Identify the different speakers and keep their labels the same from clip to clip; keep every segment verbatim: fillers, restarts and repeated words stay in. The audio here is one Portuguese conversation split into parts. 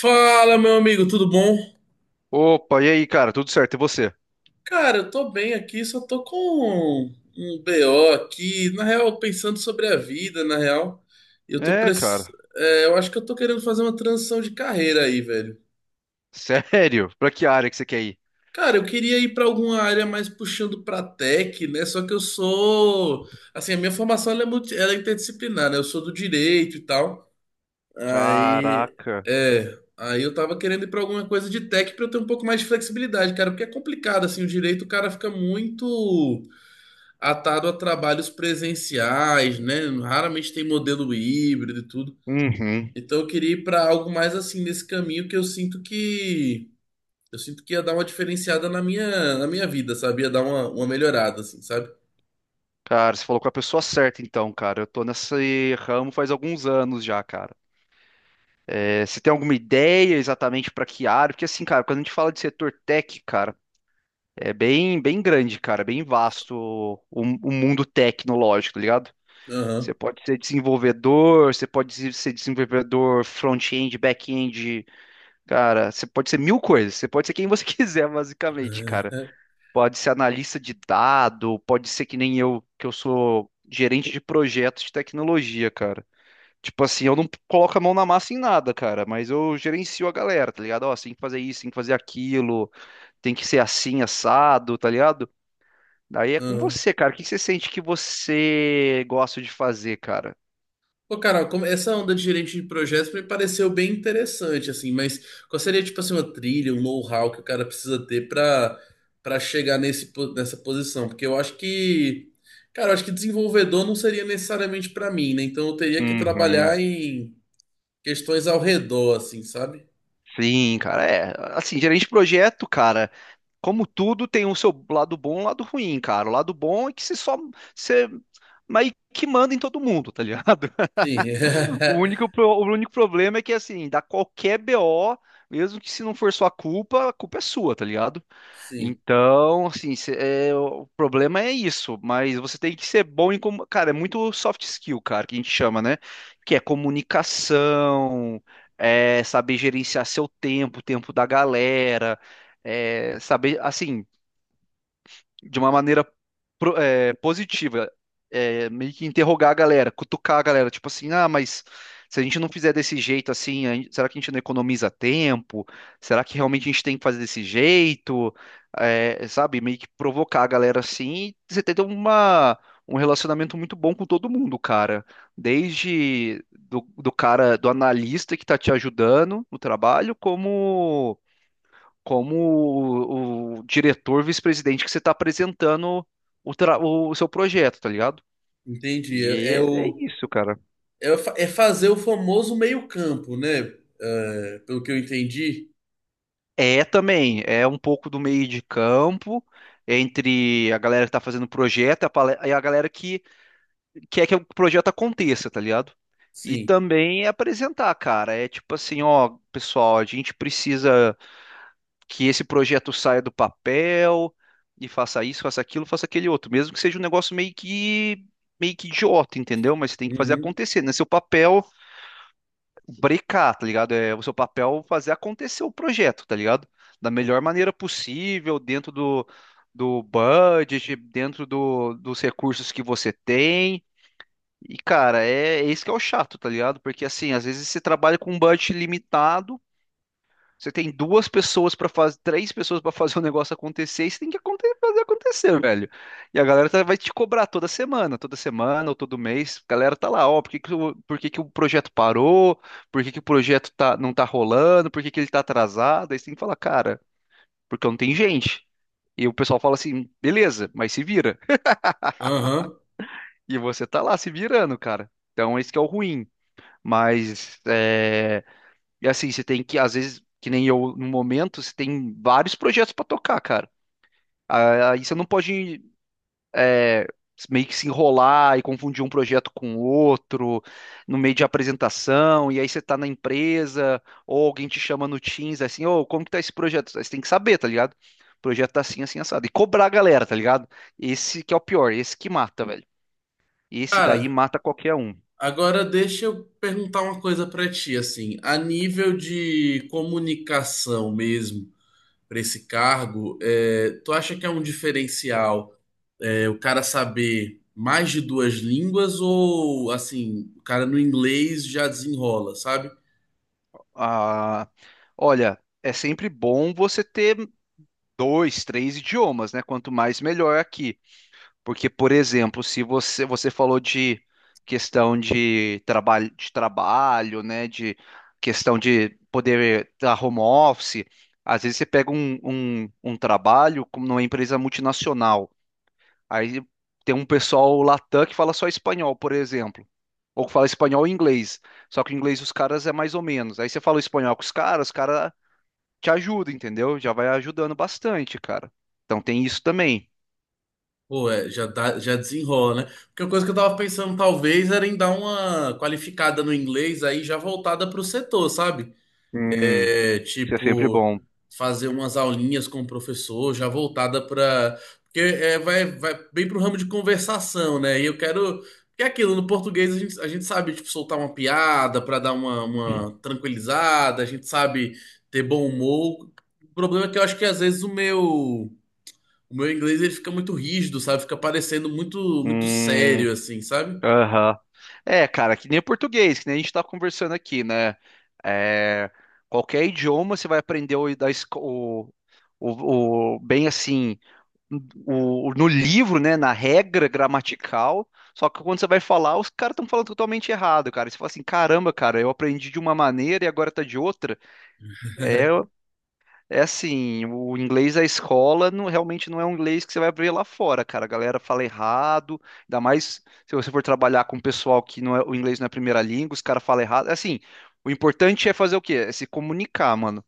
Speaker 1: Fala, meu amigo, tudo bom?
Speaker 2: Opa, e aí, cara? Tudo certo? E você?
Speaker 1: Cara, eu tô bem aqui, só tô com um B O aqui, na real, pensando sobre a vida, na real. Eu tô
Speaker 2: É,
Speaker 1: press...
Speaker 2: cara.
Speaker 1: é, eu acho que eu tô querendo fazer uma transição de carreira aí, velho.
Speaker 2: Sério? Pra que área que você quer ir?
Speaker 1: Cara, eu queria ir pra alguma área mais puxando pra tech, né? Só que eu sou, assim, a minha formação ela é multi... ela é interdisciplinar, né? Eu sou do direito e tal. Aí,
Speaker 2: Caraca.
Speaker 1: é, aí eu tava querendo ir pra alguma coisa de tech pra eu ter um pouco mais de flexibilidade, cara, porque é complicado assim, o direito, o cara fica muito atado a trabalhos presenciais, né? Raramente tem modelo híbrido e tudo.
Speaker 2: Uhum.
Speaker 1: Então eu queria ir pra algo mais assim nesse caminho que eu sinto que eu sinto que ia dar uma diferenciada na minha na minha vida, sabe? Ia dar uma, uma melhorada assim, sabe?
Speaker 2: Cara, você falou com a pessoa certa, então, cara. Eu tô nesse ramo faz alguns anos já, cara. É, você tem alguma ideia exatamente pra que área? Porque, assim, cara, quando a gente fala de setor tech, cara, é bem, bem grande, cara. É bem vasto o, o mundo tecnológico, tá ligado? Você
Speaker 1: Aham.
Speaker 2: pode ser desenvolvedor, você pode ser desenvolvedor front-end, back-end. Cara, você pode ser mil coisas, você pode ser quem você quiser, basicamente, cara. Pode ser analista de dado, pode ser que nem eu, que eu sou gerente de projetos de tecnologia, cara. Tipo assim, eu não coloco a mão na massa em nada, cara, mas eu gerencio a galera, tá ligado? Ó, você tem que fazer isso, tem que fazer aquilo, tem que ser assim, assado, tá ligado? Daí é com
Speaker 1: Aham.
Speaker 2: você, cara. O que você sente que você gosta de fazer, cara?
Speaker 1: Pô, Carol, como- essa onda de gerente de projetos me pareceu bem interessante, assim, mas qual seria, tipo assim, uma trilha, um know-how que o cara precisa ter pra para chegar nesse, po- nessa posição? Porque eu acho que, cara, eu acho que desenvolvedor não seria necessariamente pra mim, né? Então eu teria que
Speaker 2: Uhum.
Speaker 1: trabalhar em questões ao redor, assim, sabe?
Speaker 2: Sim, cara, é. Assim, gerente de projeto, cara. Como tudo tem o seu lado bom e o lado ruim, cara. O lado bom é que você só você mas que manda em todo mundo, tá ligado?
Speaker 1: Sim,
Speaker 2: O único, pro- o único problema é que, assim, dá qualquer B O, mesmo que se não for sua culpa, a culpa é sua, tá ligado?
Speaker 1: sim,
Speaker 2: Então, assim, cê- é, o problema é isso, mas você tem que ser bom em. Como, cara, é muito soft skill, cara, que a gente chama, né? Que é comunicação, é saber gerenciar seu tempo, o tempo da galera, é saber, assim, de uma maneira, pro- é, positiva, é, meio que interrogar a galera, cutucar a galera, tipo assim, ah, mas se a gente não fizer desse jeito assim, a gente- será que a gente não economiza tempo? Será que realmente a gente tem que fazer desse jeito? É, sabe, meio que provocar a galera assim, e você ter uma um relacionamento muito bom com todo mundo, cara. Desde do, do cara, do analista que tá te ajudando no trabalho, como como o, o diretor, vice-presidente que você está apresentando o, tra- o seu projeto, tá ligado?
Speaker 1: entendi.
Speaker 2: E
Speaker 1: É, é
Speaker 2: é, é
Speaker 1: o,
Speaker 2: isso, cara.
Speaker 1: é, o fa- é fazer o famoso meio-campo, né? É, pelo que eu entendi,
Speaker 2: É também, é um pouco do meio de campo entre a galera que tá fazendo o projeto e a, pale- e a galera que quer que o projeto aconteça, tá ligado? E
Speaker 1: sim.
Speaker 2: também é apresentar, cara. É tipo assim, ó, pessoal, a gente precisa que esse projeto saia do papel e faça isso, faça aquilo, faça aquele outro, mesmo que seja um negócio meio que meio que idiota, entendeu? Mas você tem que fazer
Speaker 1: Uhum.
Speaker 2: acontecer, né? Seu papel brecar, tá ligado? É o seu papel fazer acontecer o projeto, tá ligado? Da melhor maneira possível, dentro do, do budget, dentro do, dos recursos que você tem. E, cara, é, é isso que é o chato, tá ligado? Porque, assim, às vezes você trabalha com um budget limitado. Você tem duas pessoas para fazer, três pessoas para fazer o negócio acontecer, e você tem que aconte- fazer acontecer, velho. E a galera tá- vai te cobrar toda semana, toda semana ou todo mês. A galera tá lá, ó, por que que o, por que que o projeto parou? Por que que o projeto tá, não tá rolando? Por que que ele tá atrasado? Aí você tem que falar, cara, porque não tem gente. E o pessoal fala assim, beleza, mas se vira.
Speaker 1: Aham.
Speaker 2: E você tá lá se virando, cara. Então esse que é o ruim. Mas é, e assim, você tem que, às vezes, que nem eu, no momento, você tem vários projetos pra tocar, cara. Ah, aí você não pode, é, meio que se enrolar e confundir um projeto com outro no meio de apresentação, e aí você tá na empresa, ou alguém te chama no Teams, assim, ô, como que tá esse projeto? Aí você tem que saber, tá ligado? O projeto tá assim, assim, assado. E cobrar a galera, tá ligado? Esse que é o pior, esse que mata, velho. Esse daí
Speaker 1: Cara.
Speaker 2: mata qualquer um.
Speaker 1: Agora deixa eu perguntar uma coisa para ti, assim, a nível de comunicação mesmo para esse cargo, é, tu acha que é um diferencial, é, o cara saber mais de duas línguas ou assim, o cara no inglês já desenrola, sabe?
Speaker 2: Ah, olha, é sempre bom você ter dois, três idiomas, né? Quanto mais melhor aqui. Porque, por exemplo, se você você falou de questão de trabalho, de trabalho, né? De questão de poder dar home office, às vezes você pega um, um, um trabalho como numa empresa multinacional. Aí tem um pessoal latam que fala só espanhol, por exemplo. Ou que fala espanhol e inglês. Só que o inglês dos caras é mais ou menos. Aí você fala o espanhol com os caras, os caras te ajuda, entendeu? Já vai ajudando bastante, cara. Então tem isso também.
Speaker 1: Pô, é, já dá- já desenrola, né? Porque a coisa que eu tava pensando talvez era em dar uma qualificada no inglês aí já voltada pro setor, sabe?
Speaker 2: Hum,
Speaker 1: É,
Speaker 2: isso é sempre
Speaker 1: tipo,
Speaker 2: bom.
Speaker 1: fazer umas aulinhas com o professor, já voltada para. Porque é, vai, vai bem pro ramo de conversação, né? E eu quero. Porque é aquilo, no português a gente, a gente sabe, tipo, soltar uma piada para dar uma, uma tranquilizada, a gente sabe ter bom humor. O problema é que eu acho que às vezes o meu. O meu inglês ele fica muito rígido, sabe? Fica parecendo muito muito
Speaker 2: Hum,
Speaker 1: sério, assim, sabe?
Speaker 2: aham. É, cara, que nem o português, que nem a gente tá conversando aqui, né? É, qualquer idioma você vai aprender o, da esco- o, o, o- bem assim, o, no livro, né? Na regra gramatical. Só que quando você vai falar, os caras estão falando totalmente errado, cara. E você fala assim, caramba, cara, eu aprendi de uma maneira e agora tá de outra. É, É, assim, o inglês da escola não- realmente não é um inglês que você vai ver lá fora, cara. A galera fala errado, ainda mais se você for trabalhar com um pessoal que não é, o inglês não é a primeira língua, os caras falam errado. Assim, o importante é fazer o quê? É se comunicar, mano.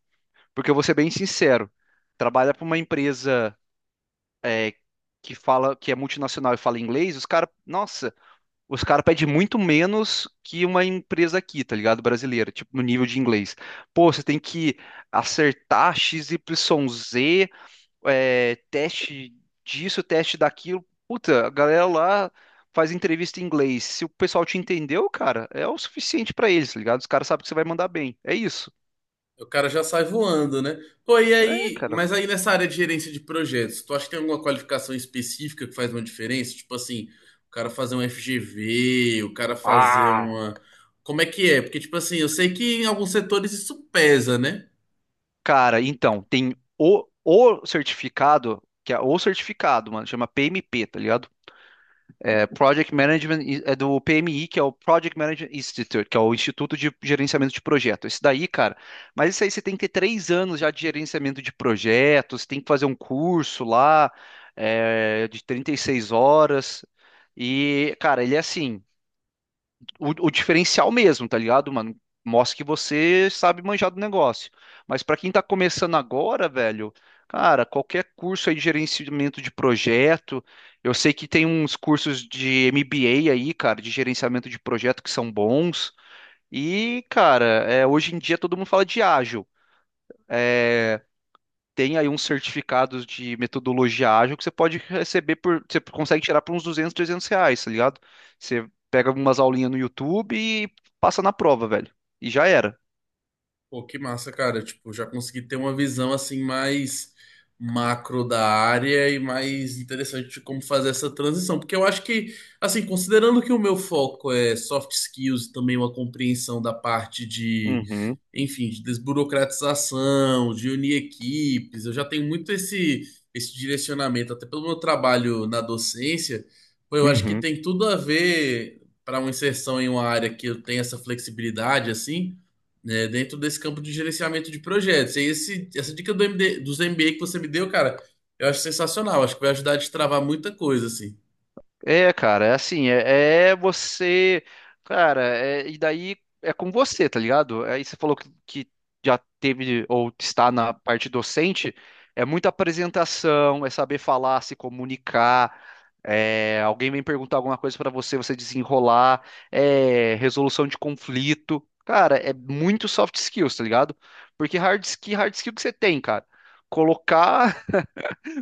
Speaker 2: Porque eu vou ser bem sincero, trabalha para uma empresa, é, que fala que é multinacional e fala inglês, os caras, nossa, os caras pedem muito menos que uma empresa aqui, tá ligado? Brasileira, tipo, no nível de inglês. Pô, você tem que acertar x XYZ, é, teste disso, teste daquilo. Puta, a galera lá faz entrevista em inglês. Se o pessoal te entendeu, cara, é o suficiente pra eles, tá ligado? Os caras sabem que você vai mandar bem. É isso.
Speaker 1: O cara já sai voando, né? Pô, e
Speaker 2: É,
Speaker 1: aí,
Speaker 2: cara.
Speaker 1: mas aí nessa área de gerência de projetos, tu acha que tem alguma qualificação específica que faz uma diferença? Tipo assim, o cara fazer um F G V, o cara fazer
Speaker 2: Ah,
Speaker 1: uma. Como é que é? Porque, tipo assim, eu sei que em alguns setores isso pesa, né?
Speaker 2: cara, então, tem o, o certificado, que é o certificado, mano, chama P M P, tá ligado? é, Project Management é do P M I, que é o Project Management Institute, que é o Instituto de Gerenciamento de Projetos. Isso daí, cara, mas isso aí você tem que ter três anos já de gerenciamento de projetos, tem que fazer um curso lá é, de trinta e seis horas. E, cara, ele é assim, o, o diferencial mesmo, tá ligado, mano? Mostra que você sabe manjar do negócio. Mas pra quem tá começando agora, velho, cara, qualquer curso aí de gerenciamento de projeto, eu sei que tem uns cursos de M B A aí, cara, de gerenciamento de projeto que são bons. E, cara, é, hoje em dia todo mundo fala de ágil, tem aí uns certificados de metodologia ágil que você pode receber por, você consegue tirar por uns duzentos trezentos reais, tá ligado? Você pega umas aulinhas no YouTube e passa na prova, velho. E já era.
Speaker 1: Pô, que massa, cara. Tipo, já consegui ter uma visão assim mais macro da área e mais interessante de como fazer essa transição. Porque eu acho que, assim, considerando que o meu foco é soft skills e também uma compreensão da parte de,
Speaker 2: Uhum,
Speaker 1: enfim, de desburocratização, de unir equipes, eu já tenho muito esse, esse direcionamento, até pelo meu trabalho na docência, pô, eu acho que
Speaker 2: uhum.
Speaker 1: tem tudo a ver para uma inserção em uma área que eu tenho essa flexibilidade, assim, né, dentro desse campo de gerenciamento de projetos. E esse, essa dica do M D, dos M B A que você me deu, cara, eu acho sensacional. Acho que vai ajudar a destravar muita coisa, assim.
Speaker 2: É, cara, é assim, é, é você, cara, é- e daí é com você, tá ligado? Aí você falou que, que já teve ou está na parte docente, é muita apresentação, é saber falar, se comunicar, é, alguém vem perguntar alguma coisa pra você, você desenrolar, é resolução de conflito, cara, é muito soft skills, tá ligado? Porque hard skill, hard skill que você tem, cara, colocar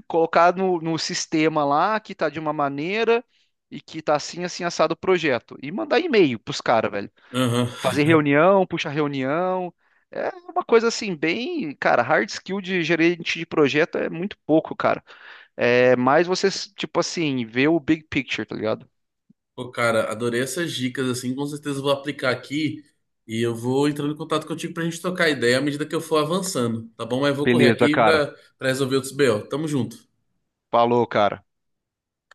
Speaker 2: colocar no, no sistema lá que tá de uma maneira e que tá assim, assim, assado o projeto. E mandar e-mail pros caras, velho.
Speaker 1: Aham.
Speaker 2: Fazer reunião, puxar reunião. É uma coisa assim, bem, cara, hard skill de gerente de projeto é muito pouco, cara. É mais você, tipo assim, ver o big picture, tá ligado?
Speaker 1: Pô, cara, adorei essas dicas, assim. Com certeza eu vou aplicar aqui e eu vou entrando em contato contigo pra gente trocar ideia à medida que eu for avançando, tá bom? Mas eu vou correr
Speaker 2: Beleza,
Speaker 1: aqui
Speaker 2: cara.
Speaker 1: pra, pra resolver outros B O. Tamo junto.
Speaker 2: Falou, cara.